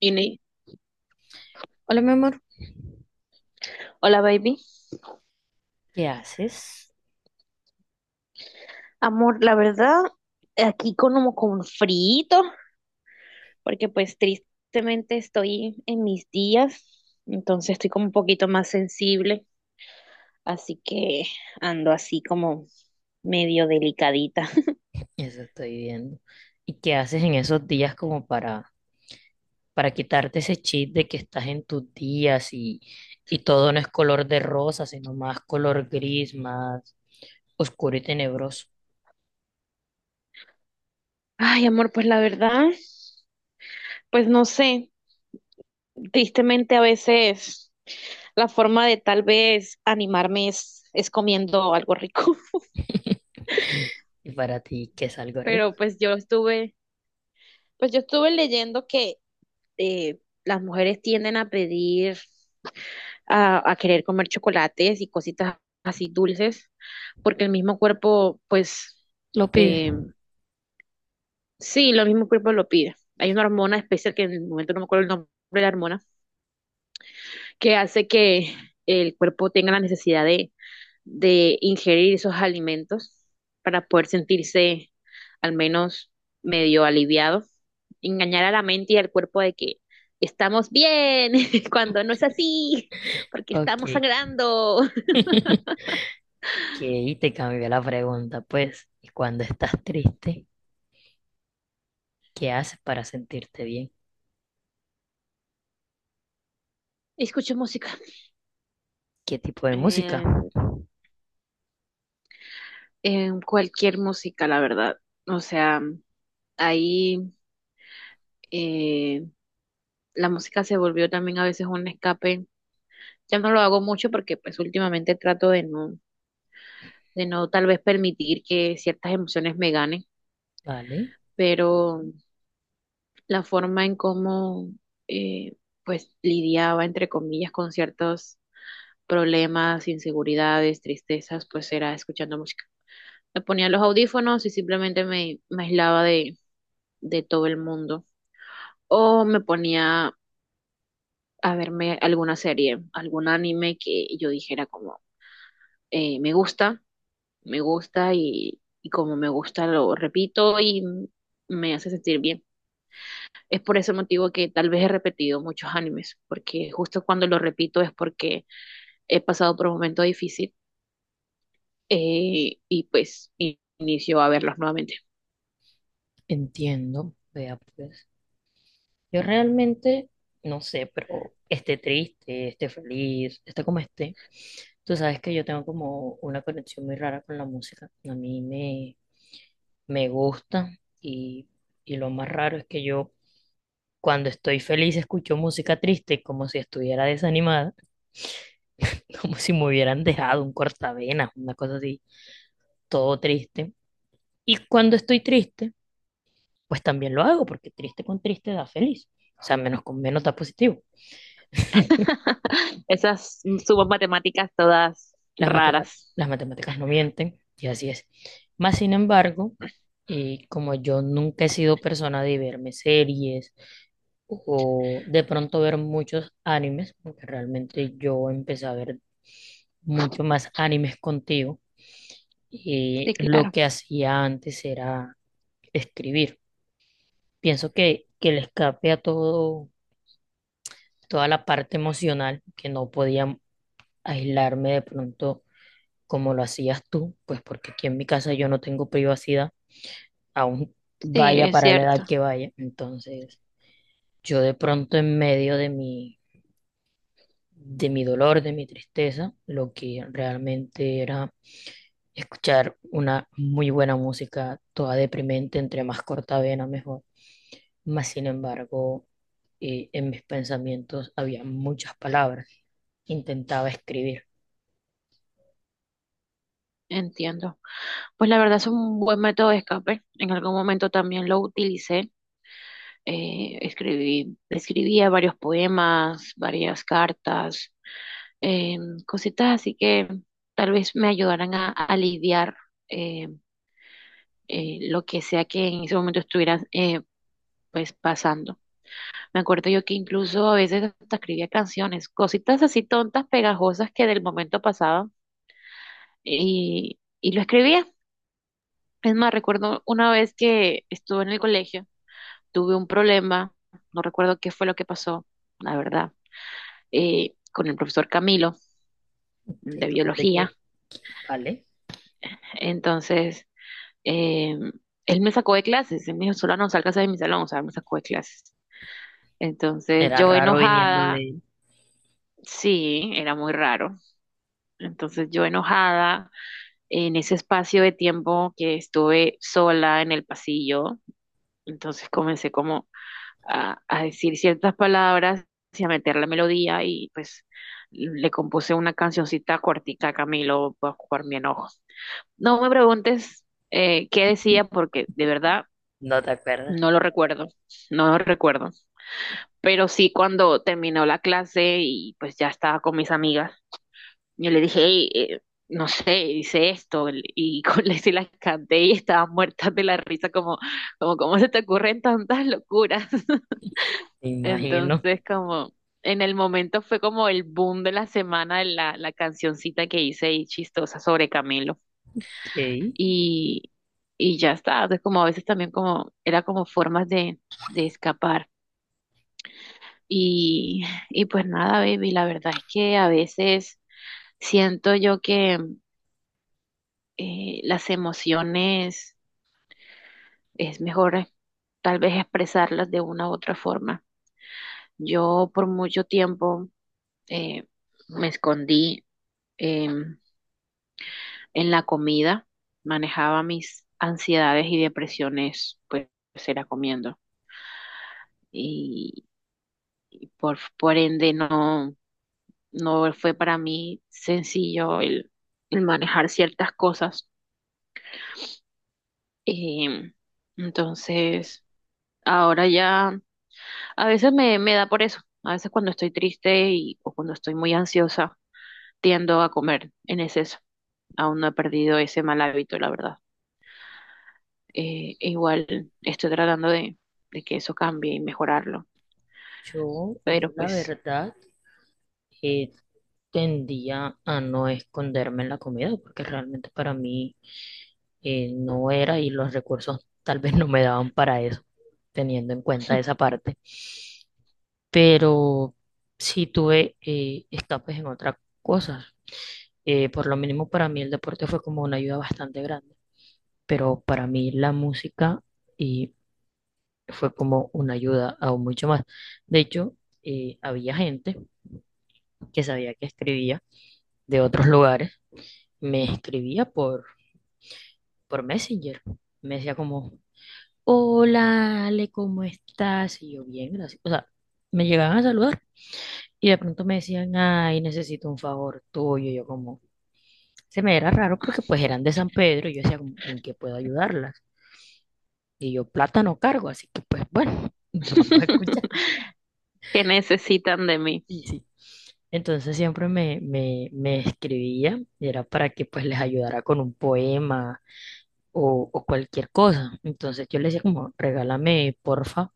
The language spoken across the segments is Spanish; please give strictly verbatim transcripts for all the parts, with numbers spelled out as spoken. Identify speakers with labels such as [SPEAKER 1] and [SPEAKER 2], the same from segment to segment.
[SPEAKER 1] Ini.
[SPEAKER 2] Hola, mi amor.
[SPEAKER 1] Hola, baby.
[SPEAKER 2] ¿Qué haces?
[SPEAKER 1] Amor, la verdad, aquí con- como con frito, porque pues tristemente estoy en mis días, entonces estoy como un poquito más sensible, así que ando así como medio delicadita.
[SPEAKER 2] Eso estoy viendo. ¿Y qué haces en esos días como para, para quitarte ese chip de que estás en tus días y, y todo no es color de rosa, sino más color gris, más oscuro y tenebroso?
[SPEAKER 1] Ay, amor, pues la verdad, pues no sé, tristemente a veces la forma de tal vez animarme es, es comiendo algo rico.
[SPEAKER 2] Y para ti, ¿qué es algo rico?
[SPEAKER 1] pero pues yo estuve, pues yo estuve leyendo que eh, las mujeres tienden a pedir, a, a querer comer chocolates y cositas así dulces, porque el mismo cuerpo, pues,
[SPEAKER 2] Lo pide.
[SPEAKER 1] eh, sí, lo mismo cuerpo lo pide. Hay una hormona especial que en el momento no me acuerdo el nombre de la hormona, que hace que el cuerpo tenga la necesidad de, de ingerir esos alimentos para poder sentirse al menos medio aliviado, engañar a la mente y al cuerpo de que estamos bien cuando no es así, porque
[SPEAKER 2] Ok.
[SPEAKER 1] estamos sangrando.
[SPEAKER 2] Ok, te cambió la pregunta, pues. ¿Y cuando estás triste, qué haces para sentirte bien?
[SPEAKER 1] Escucho música,
[SPEAKER 2] ¿Qué tipo de música?
[SPEAKER 1] eh, eh, cualquier música, la verdad. O sea, ahí eh, la música se volvió también a veces un escape. Ya no lo hago mucho porque pues últimamente trato de no, de no tal vez permitir que ciertas emociones me ganen,
[SPEAKER 2] ¿Vale?
[SPEAKER 1] pero la forma en cómo eh, pues lidiaba, entre comillas, con ciertos problemas, inseguridades, tristezas, pues era escuchando música. Me ponía los audífonos y simplemente me, me aislaba de, de todo el mundo. O me ponía a verme alguna serie, algún anime que yo dijera como, eh, me gusta, me gusta y, y como me gusta lo repito y me hace sentir bien. Es por ese motivo que tal vez he repetido muchos animes, porque justo cuando lo repito es porque he pasado por un momento difícil, eh, y pues in- inicio a verlos nuevamente.
[SPEAKER 2] Entiendo, vea pues. Yo realmente no sé, pero esté triste, esté feliz, esté como esté. Tú sabes que yo tengo como una conexión muy rara con la música. A mí me, me gusta y, y lo más raro es que yo cuando estoy feliz escucho música triste como si estuviera desanimada, como si me hubieran dejado un cortavenas, una cosa así, todo triste. Y cuando estoy triste, pues también lo hago porque triste con triste da feliz. O sea, menos con menos da positivo.
[SPEAKER 1] Esas sumas matemáticas todas
[SPEAKER 2] Las matema-
[SPEAKER 1] raras.
[SPEAKER 2] las matemáticas no mienten, y así es. Más sin embargo, eh, como yo nunca he sido persona de verme series o de pronto ver muchos animes, porque realmente yo empecé a ver mucho más animes contigo, y
[SPEAKER 1] Sí,
[SPEAKER 2] lo
[SPEAKER 1] claro.
[SPEAKER 2] que hacía antes era escribir. Pienso que, que el escape a todo, toda la parte emocional, que no podía aislarme de pronto como lo hacías tú, pues porque aquí en mi casa yo no tengo privacidad, aún
[SPEAKER 1] Sí,
[SPEAKER 2] vaya
[SPEAKER 1] es
[SPEAKER 2] para la edad
[SPEAKER 1] cierto.
[SPEAKER 2] que vaya. Entonces, yo de pronto en medio de mi, de mi dolor, de mi tristeza, lo que realmente era escuchar una muy buena música, toda deprimente, entre más corta vena mejor. Mas sin embargo, eh, en mis pensamientos había muchas palabras. Intentaba escribir.
[SPEAKER 1] Entiendo. Pues la verdad es un buen método de escape. En algún momento también lo utilicé. Eh, escribí, escribía varios poemas, varias cartas, eh, cositas así que tal vez me ayudaran a, a lidiar eh, eh, lo que sea que en ese momento estuviera, eh, pues, pasando. Me acuerdo yo que incluso a veces hasta escribía canciones, cositas así tontas, pegajosas que del momento pasaban, y, y lo escribía. Es más, recuerdo una vez que estuve en el colegio, tuve un problema, no recuerdo qué fue lo que pasó, la verdad, eh, con el profesor Camilo de
[SPEAKER 2] ¿Qué? ¿Cómo es de
[SPEAKER 1] biología.
[SPEAKER 2] aquí? Vale.
[SPEAKER 1] Entonces, eh, él me sacó de clases, él me dijo, "Solano, salgas de mi salón", o sea, me sacó de clases. Entonces,
[SPEAKER 2] Era
[SPEAKER 1] yo
[SPEAKER 2] raro viniendo
[SPEAKER 1] enojada,
[SPEAKER 2] de...
[SPEAKER 1] sí, era muy raro. Entonces, yo enojada, en ese espacio de tiempo que estuve sola en el pasillo, entonces comencé como a, a decir ciertas palabras y a meter la melodía, y pues le compuse una cancioncita cortica a Camilo por, por mi enojo. No me preguntes eh, qué decía porque de verdad
[SPEAKER 2] ¿No te acuerdas?
[SPEAKER 1] no lo recuerdo, no lo recuerdo. Pero sí, cuando terminó la clase y pues ya estaba con mis amigas, yo le dije, "Ey, eh, no sé, hice esto", y con la- se las canté, y estaban muertas de la risa como, como, "¿cómo se te ocurren tantas locuras?".
[SPEAKER 2] Me imagino
[SPEAKER 1] Entonces, como en el momento fue como el boom de la semana la, la cancioncita que hice y chistosa sobre Camilo.
[SPEAKER 2] que
[SPEAKER 1] Y, y ya está. O sea, como a veces también como, era como formas de, de escapar. Y y pues nada, baby, la verdad es que a veces siento yo que, eh, las emociones es mejor, eh, tal vez, expresarlas de una u otra forma. Yo por mucho tiempo, eh, me escondí em, en la comida, manejaba mis ansiedades y depresiones, pues era comiendo. por, por ende no, no fue para mí sencillo el, el manejar ciertas cosas. Em, entonces, ahora ya a veces me, me da por eso. A veces cuando estoy triste y, o cuando estoy muy ansiosa, tiendo a comer en exceso. Aún no he perdido ese mal hábito, la verdad. Eh, e igual estoy tratando de, de que eso cambie y mejorarlo,
[SPEAKER 2] yo, yo
[SPEAKER 1] pero
[SPEAKER 2] la
[SPEAKER 1] pues,
[SPEAKER 2] verdad eh, tendía a no esconderme en la comida porque realmente para mí eh, no era y los recursos tal vez no me daban para eso, teniendo en cuenta esa parte. Pero sí tuve eh, escapes en otras cosas. Eh, por lo mínimo para mí el deporte fue como una ayuda bastante grande, pero para mí la música fue como una ayuda aún mucho más. De hecho, eh, había gente que sabía que escribía de otros lugares, me escribía por, por Messenger. Me decía como, "Hola, Ale, ¿cómo estás?". Y yo, "Bien, gracias". O sea, me llegaban a saludar y de pronto me decían, "Ay, necesito un favor tuyo". Y yo como, se me era raro porque pues eran de San Pedro y yo decía como, "¿En qué puedo ayudarlas?". Y yo, plata no cargo, así que pues bueno, vamos a escuchar.
[SPEAKER 1] ¿que necesitan de mí?
[SPEAKER 2] Y sí. Entonces siempre me, me, me escribía y era para que pues les ayudara con un poema o, o cualquier cosa. Entonces yo les decía como, regálame porfa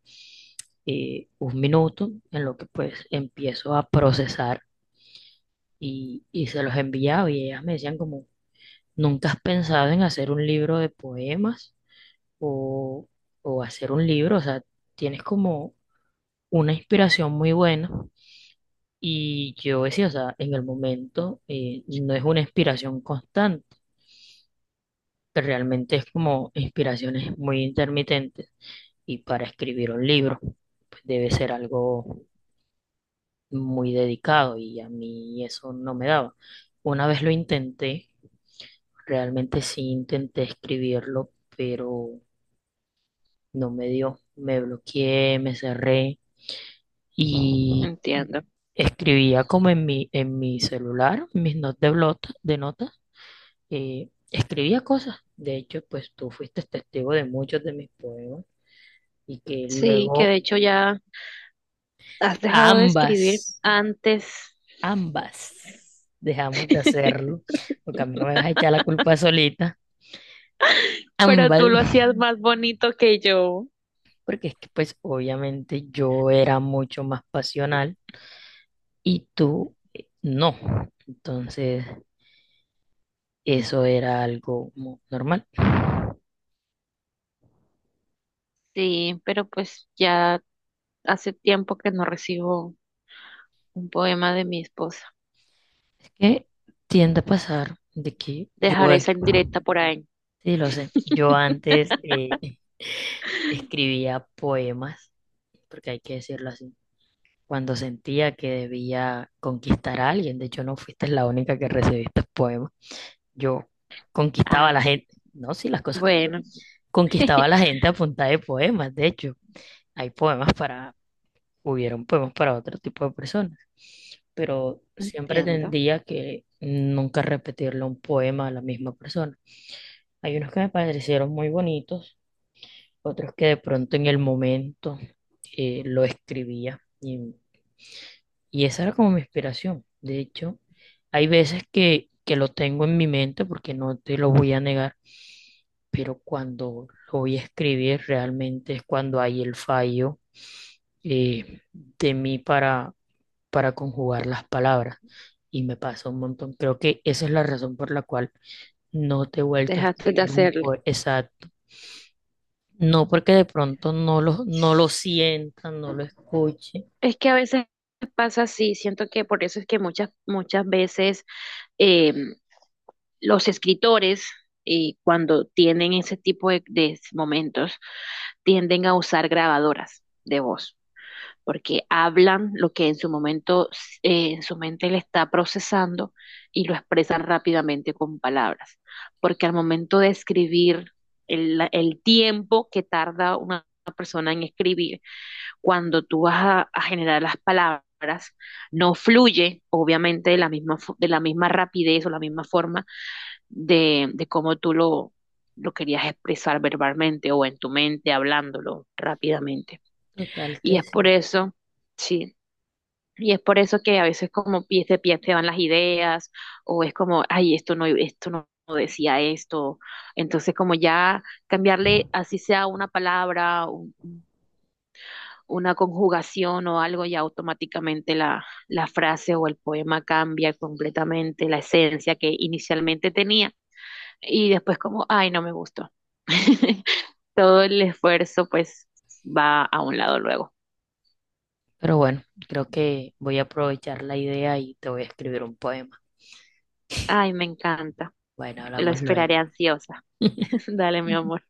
[SPEAKER 2] eh, un minuto en lo que pues empiezo a procesar y, y se los enviaba y ellas me decían como, "¿Nunca has pensado en hacer un libro de poemas o, o hacer un libro? O sea, tienes como una inspiración muy buena". Y yo decía, o sea, en el momento eh, no es una inspiración constante, pero realmente es como inspiraciones muy intermitentes. Y para escribir un libro, pues debe ser algo muy dedicado y a mí eso no me daba. Una vez lo intenté, realmente sí intenté escribirlo, pero no me dio. Me bloqueé, me cerré y
[SPEAKER 1] Entiendo.
[SPEAKER 2] escribía como en mi, en mi celular, mis notas de, blot- de notas eh, escribía cosas. De hecho, pues tú fuiste testigo de muchos de mis poemas y que
[SPEAKER 1] Sí, que
[SPEAKER 2] luego
[SPEAKER 1] de hecho ya has dejado de
[SPEAKER 2] ambas,
[SPEAKER 1] escribir antes.
[SPEAKER 2] ambas dejamos de hacerlo, porque a mí no me vas a echar la culpa solita,
[SPEAKER 1] Pero
[SPEAKER 2] ambas,
[SPEAKER 1] tú lo hacías más bonito que yo.
[SPEAKER 2] porque es que pues obviamente yo era mucho más pasional y tú eh, no. Entonces, eso era algo como normal.
[SPEAKER 1] Sí, pero pues ya hace tiempo que no recibo un poema de mi esposa.
[SPEAKER 2] Es que tiende a pasar de que yo,
[SPEAKER 1] Dejaré
[SPEAKER 2] es-
[SPEAKER 1] esa indirecta por ahí.
[SPEAKER 2] sí, lo sé, yo antes eh, escribía poemas, porque hay que decirlo así, cuando sentía que debía conquistar a alguien. De hecho, no fuiste la única que recibí estos poemas. Yo conquistaba a
[SPEAKER 1] Ah,
[SPEAKER 2] la gente. No, sí, las cosas como son.
[SPEAKER 1] bueno.
[SPEAKER 2] Conquistaba a la gente a punta de poemas. De hecho, hay poemas para, hubieron poemas para otro tipo de personas. Pero siempre
[SPEAKER 1] Entiendo.
[SPEAKER 2] tendía que nunca repetirle un poema a la misma persona. Hay unos que me parecieron muy bonitos, otros que de pronto en el momento eh, lo escribía. Y, y esa era como mi inspiración. De hecho, hay veces que, que lo tengo en mi mente porque no te lo voy a negar, pero cuando lo voy a escribir realmente es cuando hay el fallo eh, de mí para, para conjugar las palabras. Y me pasa un montón. Creo que esa es la razón por la cual no te he vuelto a
[SPEAKER 1] Dejaste de
[SPEAKER 2] escribir un
[SPEAKER 1] hacerlo.
[SPEAKER 2] poema. Exacto. No porque de pronto no lo, no lo sienta, no lo escuche.
[SPEAKER 1] Es que a veces pasa así, siento que por eso es que muchas, muchas veces em, los escritores, eh, cuando tienen ese tipo de, de momentos, tienden a usar grabadoras de voz, porque hablan lo que en su momento, eh, en su mente le está procesando, y lo expresan rápidamente con palabras, porque al momento de escribir el, el tiempo que tarda una persona en escribir, cuando tú vas a, a generar las palabras, no fluye, obviamente, de la misma, de la misma rapidez o la misma forma de, de cómo tú lo, lo querías expresar verbalmente o en tu mente, hablándolo rápidamente.
[SPEAKER 2] Total
[SPEAKER 1] Y
[SPEAKER 2] que
[SPEAKER 1] es por
[SPEAKER 2] sí.
[SPEAKER 1] eso, sí, y es por eso que a veces como pies de pies te van las ideas, o es como, ay, esto no, esto no. No decía esto, entonces como ya cambiarle así sea una palabra, un- una conjugación o algo, ya automáticamente la, la frase o el poema cambia completamente la esencia que inicialmente tenía, y después como, ay, no me gustó. Todo el esfuerzo pues va a un lado luego.
[SPEAKER 2] Pero bueno, creo que voy a aprovechar la idea y te voy a escribir un poema.
[SPEAKER 1] Ay, me encanta.
[SPEAKER 2] Bueno,
[SPEAKER 1] Lo
[SPEAKER 2] hablamos luego.
[SPEAKER 1] esperaré ansiosa. Dale, mi amor.